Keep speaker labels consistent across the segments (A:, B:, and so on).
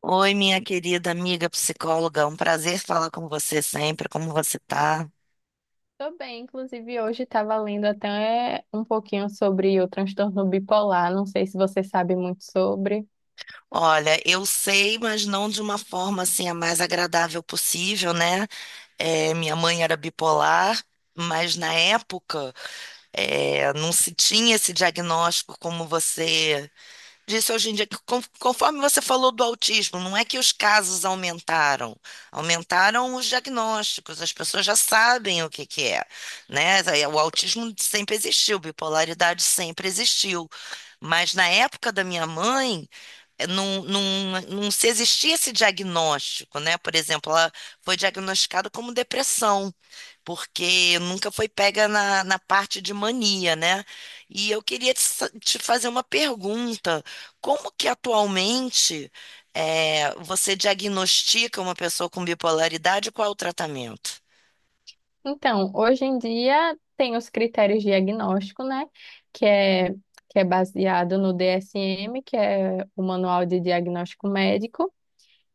A: Oi, minha querida amiga psicóloga, um prazer falar com você sempre. Como você tá?
B: Tô bem, inclusive hoje estava lendo até um pouquinho sobre o transtorno bipolar, não sei se você sabe muito sobre.
A: Olha, eu sei, mas não de uma forma assim a mais agradável possível, né? Minha mãe era bipolar, mas na época não se tinha esse diagnóstico como você disso hoje em dia, que conforme você falou do autismo, não é que os casos aumentaram, aumentaram os diagnósticos, as pessoas já sabem o que que é, né? O autismo sempre existiu, bipolaridade sempre existiu, mas na época da minha mãe, eh, não, não, não se existia esse diagnóstico, né? Por exemplo, ela foi diagnosticada como depressão porque nunca foi pega na parte de mania, né? E eu queria te fazer uma pergunta: como que atualmente você diagnostica uma pessoa com bipolaridade e qual é o tratamento?
B: Então, hoje em dia tem os critérios de diagnóstico, né, que é, que é baseado no DSM, que é o Manual de Diagnóstico Médico.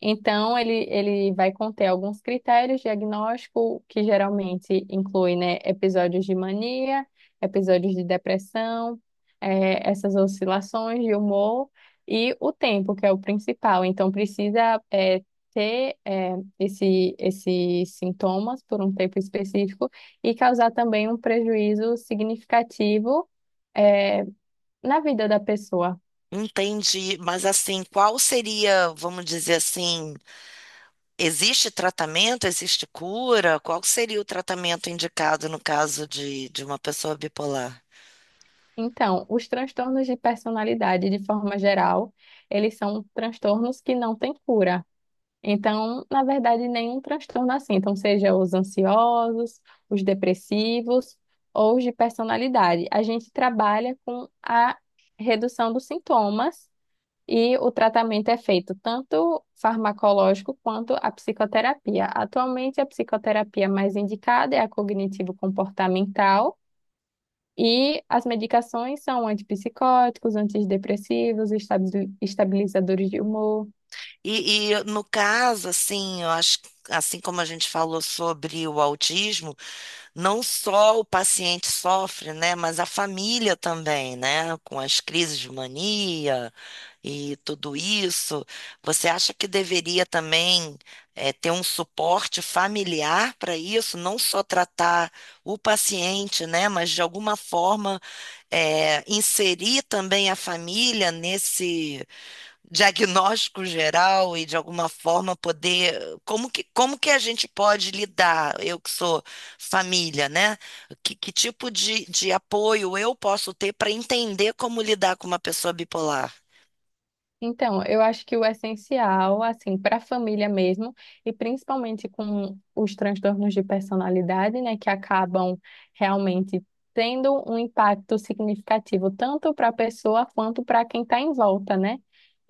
B: Então, ele vai conter alguns critérios diagnóstico que geralmente inclui, né, episódios de mania, episódios de depressão, essas oscilações de humor e o tempo, que é o principal. Então, precisa, ter, esses sintomas por um tempo específico e causar também um prejuízo significativo, eh, na vida da pessoa.
A: Entendi, mas assim, qual seria, vamos dizer assim, existe tratamento, existe cura? Qual seria o tratamento indicado no caso de uma pessoa bipolar?
B: Então, os transtornos de personalidade, de forma geral, eles são transtornos que não têm cura. Então, na verdade, nenhum transtorno assim. Então, seja os ansiosos, os depressivos ou os de personalidade. A gente trabalha com a redução dos sintomas e o tratamento é feito tanto farmacológico quanto a psicoterapia. Atualmente, a psicoterapia mais indicada é a cognitivo-comportamental e as medicações são antipsicóticos, antidepressivos, estabilizadores de humor.
A: E no caso, assim, eu acho, que, assim como a gente falou sobre o autismo, não só o paciente sofre, né, mas a família também, né, com as crises de mania e tudo isso. Você acha que deveria também ter um suporte familiar para isso, não só tratar o paciente, né, mas de alguma forma inserir também a família nesse diagnóstico geral e de alguma forma poder, como que a gente pode lidar, eu que sou família, né? Que tipo de apoio eu posso ter para entender como lidar com uma pessoa bipolar?
B: Então, eu acho que o essencial, assim, para a família mesmo, e principalmente com os transtornos de personalidade, né, que acabam realmente tendo um impacto significativo tanto para a pessoa quanto para quem está em volta, né?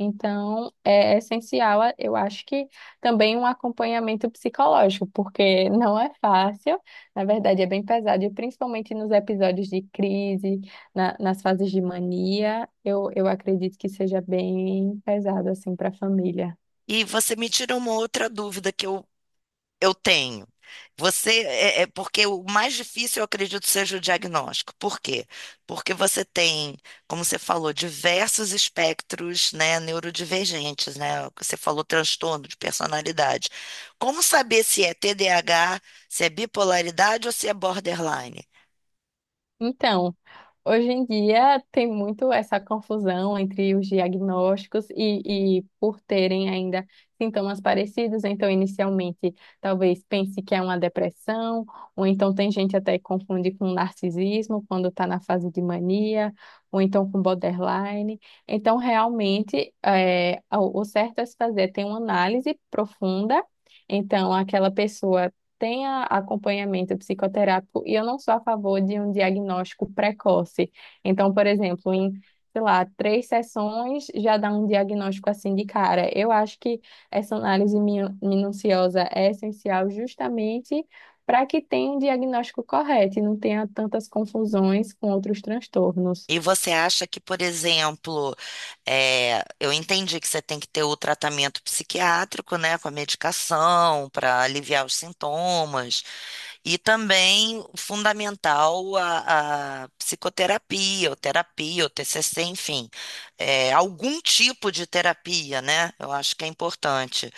B: Então, é essencial, eu acho que também um acompanhamento psicológico, porque não é fácil, na verdade é bem pesado, e principalmente nos episódios de crise nas fases de mania, eu acredito que seja bem pesado, assim, para a família.
A: E você me tira uma outra dúvida que eu tenho. Você porque o mais difícil, eu acredito, seja o diagnóstico. Por quê? Porque você tem, como você falou, diversos espectros, né, neurodivergentes, né? Você falou transtorno de personalidade. Como saber se é TDAH, se é bipolaridade ou se é borderline?
B: Então, hoje em dia tem muito essa confusão entre os diagnósticos e por terem ainda sintomas parecidos, então inicialmente talvez pense que é uma depressão, ou então tem gente até que confunde com narcisismo quando está na fase de mania, ou então com borderline. Então, realmente, o certo a se fazer é ter uma análise profunda. Então, aquela pessoa tenha acompanhamento psicoterápico e eu não sou a favor de um diagnóstico precoce. Então, por exemplo, em, sei lá, três sessões já dá um diagnóstico assim de cara. Eu acho que essa análise minuciosa é essencial justamente para que tenha um diagnóstico correto e não tenha tantas confusões com outros transtornos.
A: E você acha que, por exemplo, eu entendi que você tem que ter o tratamento psiquiátrico, né, com a medicação para aliviar os sintomas, e também fundamental a psicoterapia, ou terapia, ou TCC, enfim, algum tipo de terapia, né? Eu acho que é importante.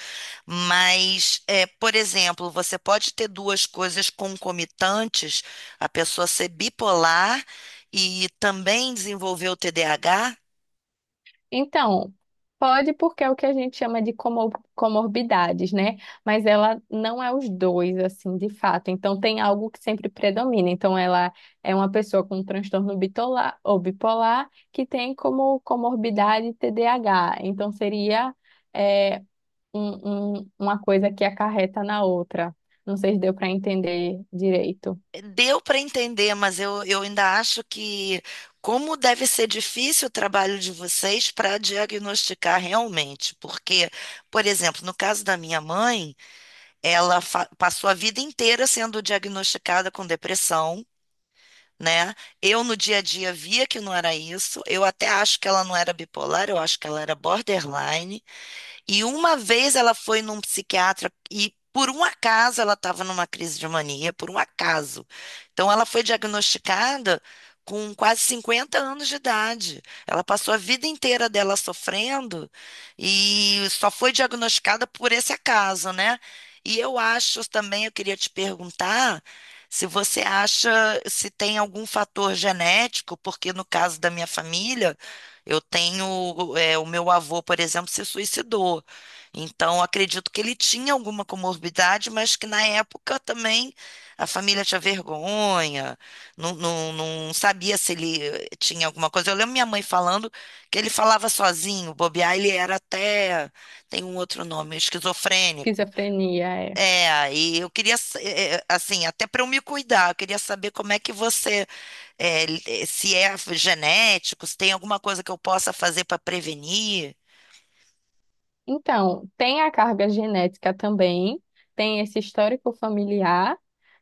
A: Mas, é, por exemplo, você pode ter duas coisas concomitantes, a pessoa ser bipolar e também desenvolver o TDAH.
B: Então, pode porque é o que a gente chama de comorbidades, né? Mas ela não é os dois, assim, de fato. Então, tem algo que sempre predomina. Então, ela é uma pessoa com um transtorno bitola- ou bipolar que tem como comorbidade TDAH. Então, seria é, uma coisa que acarreta na outra. Não sei se deu para entender direito.
A: Deu para entender, mas eu ainda acho que como deve ser difícil o trabalho de vocês para diagnosticar realmente. Porque, por exemplo, no caso da minha mãe, ela passou a vida inteira sendo diagnosticada com depressão, né? Eu no dia a dia via que não era isso. Eu até acho que ela não era bipolar, eu acho que ela era borderline. E uma vez ela foi num psiquiatra e por um acaso ela estava numa crise de mania, por um acaso. Então ela foi diagnosticada com quase 50 anos de idade. Ela passou a vida inteira dela sofrendo e só foi diagnosticada por esse acaso, né? E eu acho também, eu queria te perguntar se você acha se tem algum fator genético, porque no caso da minha família eu tenho, é, o meu avô, por exemplo, se suicidou. Então, acredito que ele tinha alguma comorbidade, mas que na época também a família tinha vergonha, não sabia se ele tinha alguma coisa. Eu lembro minha mãe falando que ele falava sozinho, bobear, ele era até, tem um outro nome, esquizofrênico.
B: Esquizofrenia é.
A: E eu queria, sa- eh, eh, assim, até para eu me cuidar, eu queria saber como é que você é, se é genético, se tem alguma coisa que eu possa fazer para prevenir.
B: Então, tem a carga genética também, tem esse histórico familiar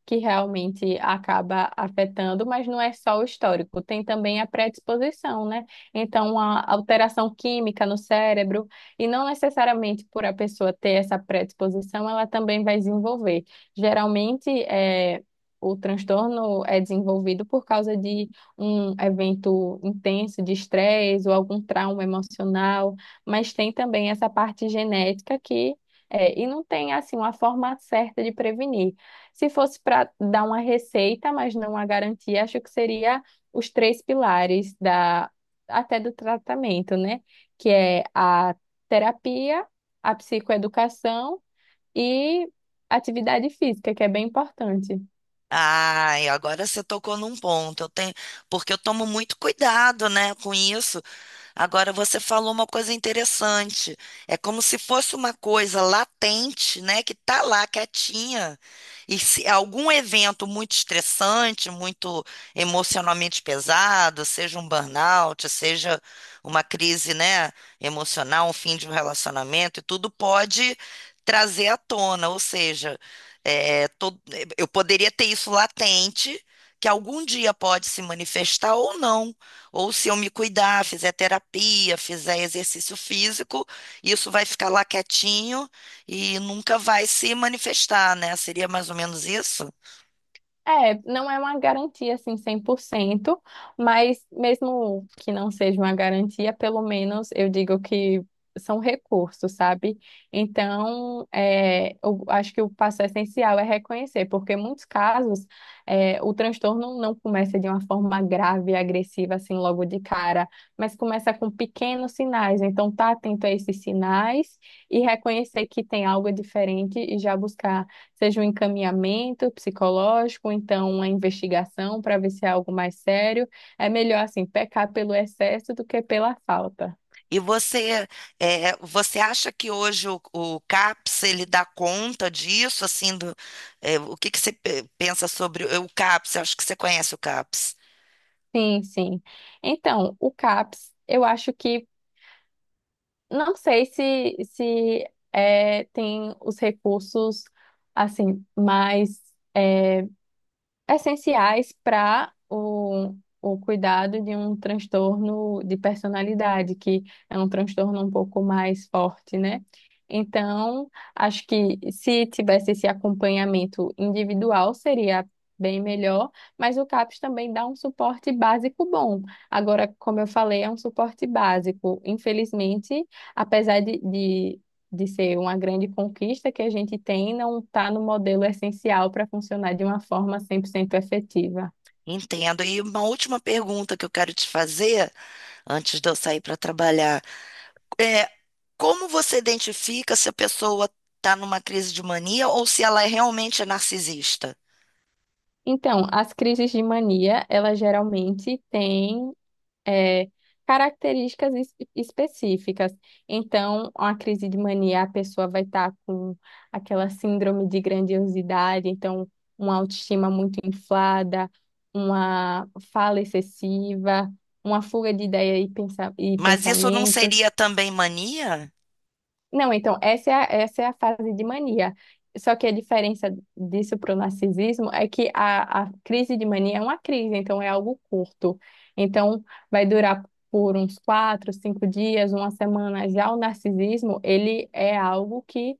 B: que realmente acaba afetando, mas não é só o histórico, tem também a predisposição, né? Então, a alteração química no cérebro, e não necessariamente por a pessoa ter essa predisposição, ela também vai desenvolver. Geralmente, o transtorno é desenvolvido por causa de um evento intenso de estresse ou algum trauma emocional, mas tem também essa parte genética que e não tem assim uma forma certa de prevenir. Se fosse para dar uma receita, mas não uma garantia, acho que seria os três pilares da até do tratamento, né? Que é a terapia, a psicoeducação e atividade física, que é bem importante.
A: Ai, agora você tocou num ponto. Eu tenho, porque eu tomo muito cuidado, né, com isso. Agora você falou uma coisa interessante. É como se fosse uma coisa latente, né, que tá lá quietinha. E se algum evento muito estressante, muito emocionalmente pesado, seja um burnout, seja uma crise, né, emocional, um fim de um relacionamento, e tudo pode trazer à tona. Ou seja, é, to- eu poderia ter isso latente, que algum dia pode se manifestar ou não. Ou se eu me cuidar, fizer terapia, fizer exercício físico, isso vai ficar lá quietinho e nunca vai se manifestar, né? Seria mais ou menos isso?
B: É, não é uma garantia assim 100%, mas mesmo que não seja uma garantia, pelo menos eu digo que são recursos, sabe? Então, eu acho que o passo essencial é reconhecer, porque em muitos casos o transtorno não começa de uma forma grave e agressiva assim logo de cara, mas começa com pequenos sinais. Então, tá atento a esses sinais e reconhecer que tem algo diferente e já buscar seja um encaminhamento psicológico, então uma investigação para ver se é algo mais sério. É melhor, assim, pecar pelo excesso do que pela falta.
A: E você, você acha que hoje o CAPS ele dá conta disso? Assim, do, é, o que que você pensa sobre o CAPS? Eu acho que você conhece o CAPS.
B: Sim, sim. Então, o CAPS, eu acho que, não sei se tem os recursos, assim, mais eh, essenciais para o cuidado de um transtorno de personalidade, que é um transtorno um pouco mais forte, né? Então, acho que se tivesse esse acompanhamento individual, seria bem melhor, mas o CAPS também dá um suporte básico bom. Agora, como eu falei, é um suporte básico. Infelizmente, apesar de ser uma grande conquista que a gente tem, não está no modelo essencial para funcionar de uma forma 100% efetiva.
A: Entendo. E uma última pergunta que eu quero te fazer antes de eu sair para trabalhar. É, como você identifica se a pessoa está numa crise de mania ou se ela é realmente narcisista?
B: Então, as crises de mania, elas geralmente têm é, características específicas. Então, uma crise de mania, a pessoa vai estar com aquela síndrome de grandiosidade, então, uma autoestima muito inflada, uma fala excessiva, uma fuga de ideia e
A: Mas isso não
B: pensamentos.
A: seria também mania?
B: Não, então, essa é a fase de mania. Só que a diferença disso para o narcisismo é que a crise de mania é uma crise, então é algo curto. Então, vai durar por uns 4, 5 dias, uma semana. Já o narcisismo, ele é algo que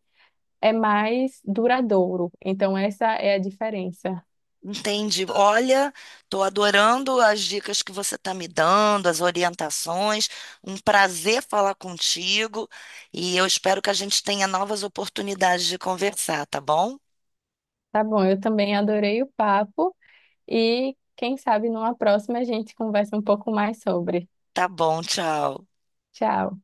B: é mais duradouro. Então, essa é a diferença.
A: Entendi. Olha, estou adorando as dicas que você está me dando, as orientações. Um prazer falar contigo e eu espero que a gente tenha novas oportunidades de conversar, tá bom?
B: Tá bom, eu também adorei o papo e quem sabe numa próxima a gente conversa um pouco mais sobre.
A: Tá bom, tchau.
B: Tchau.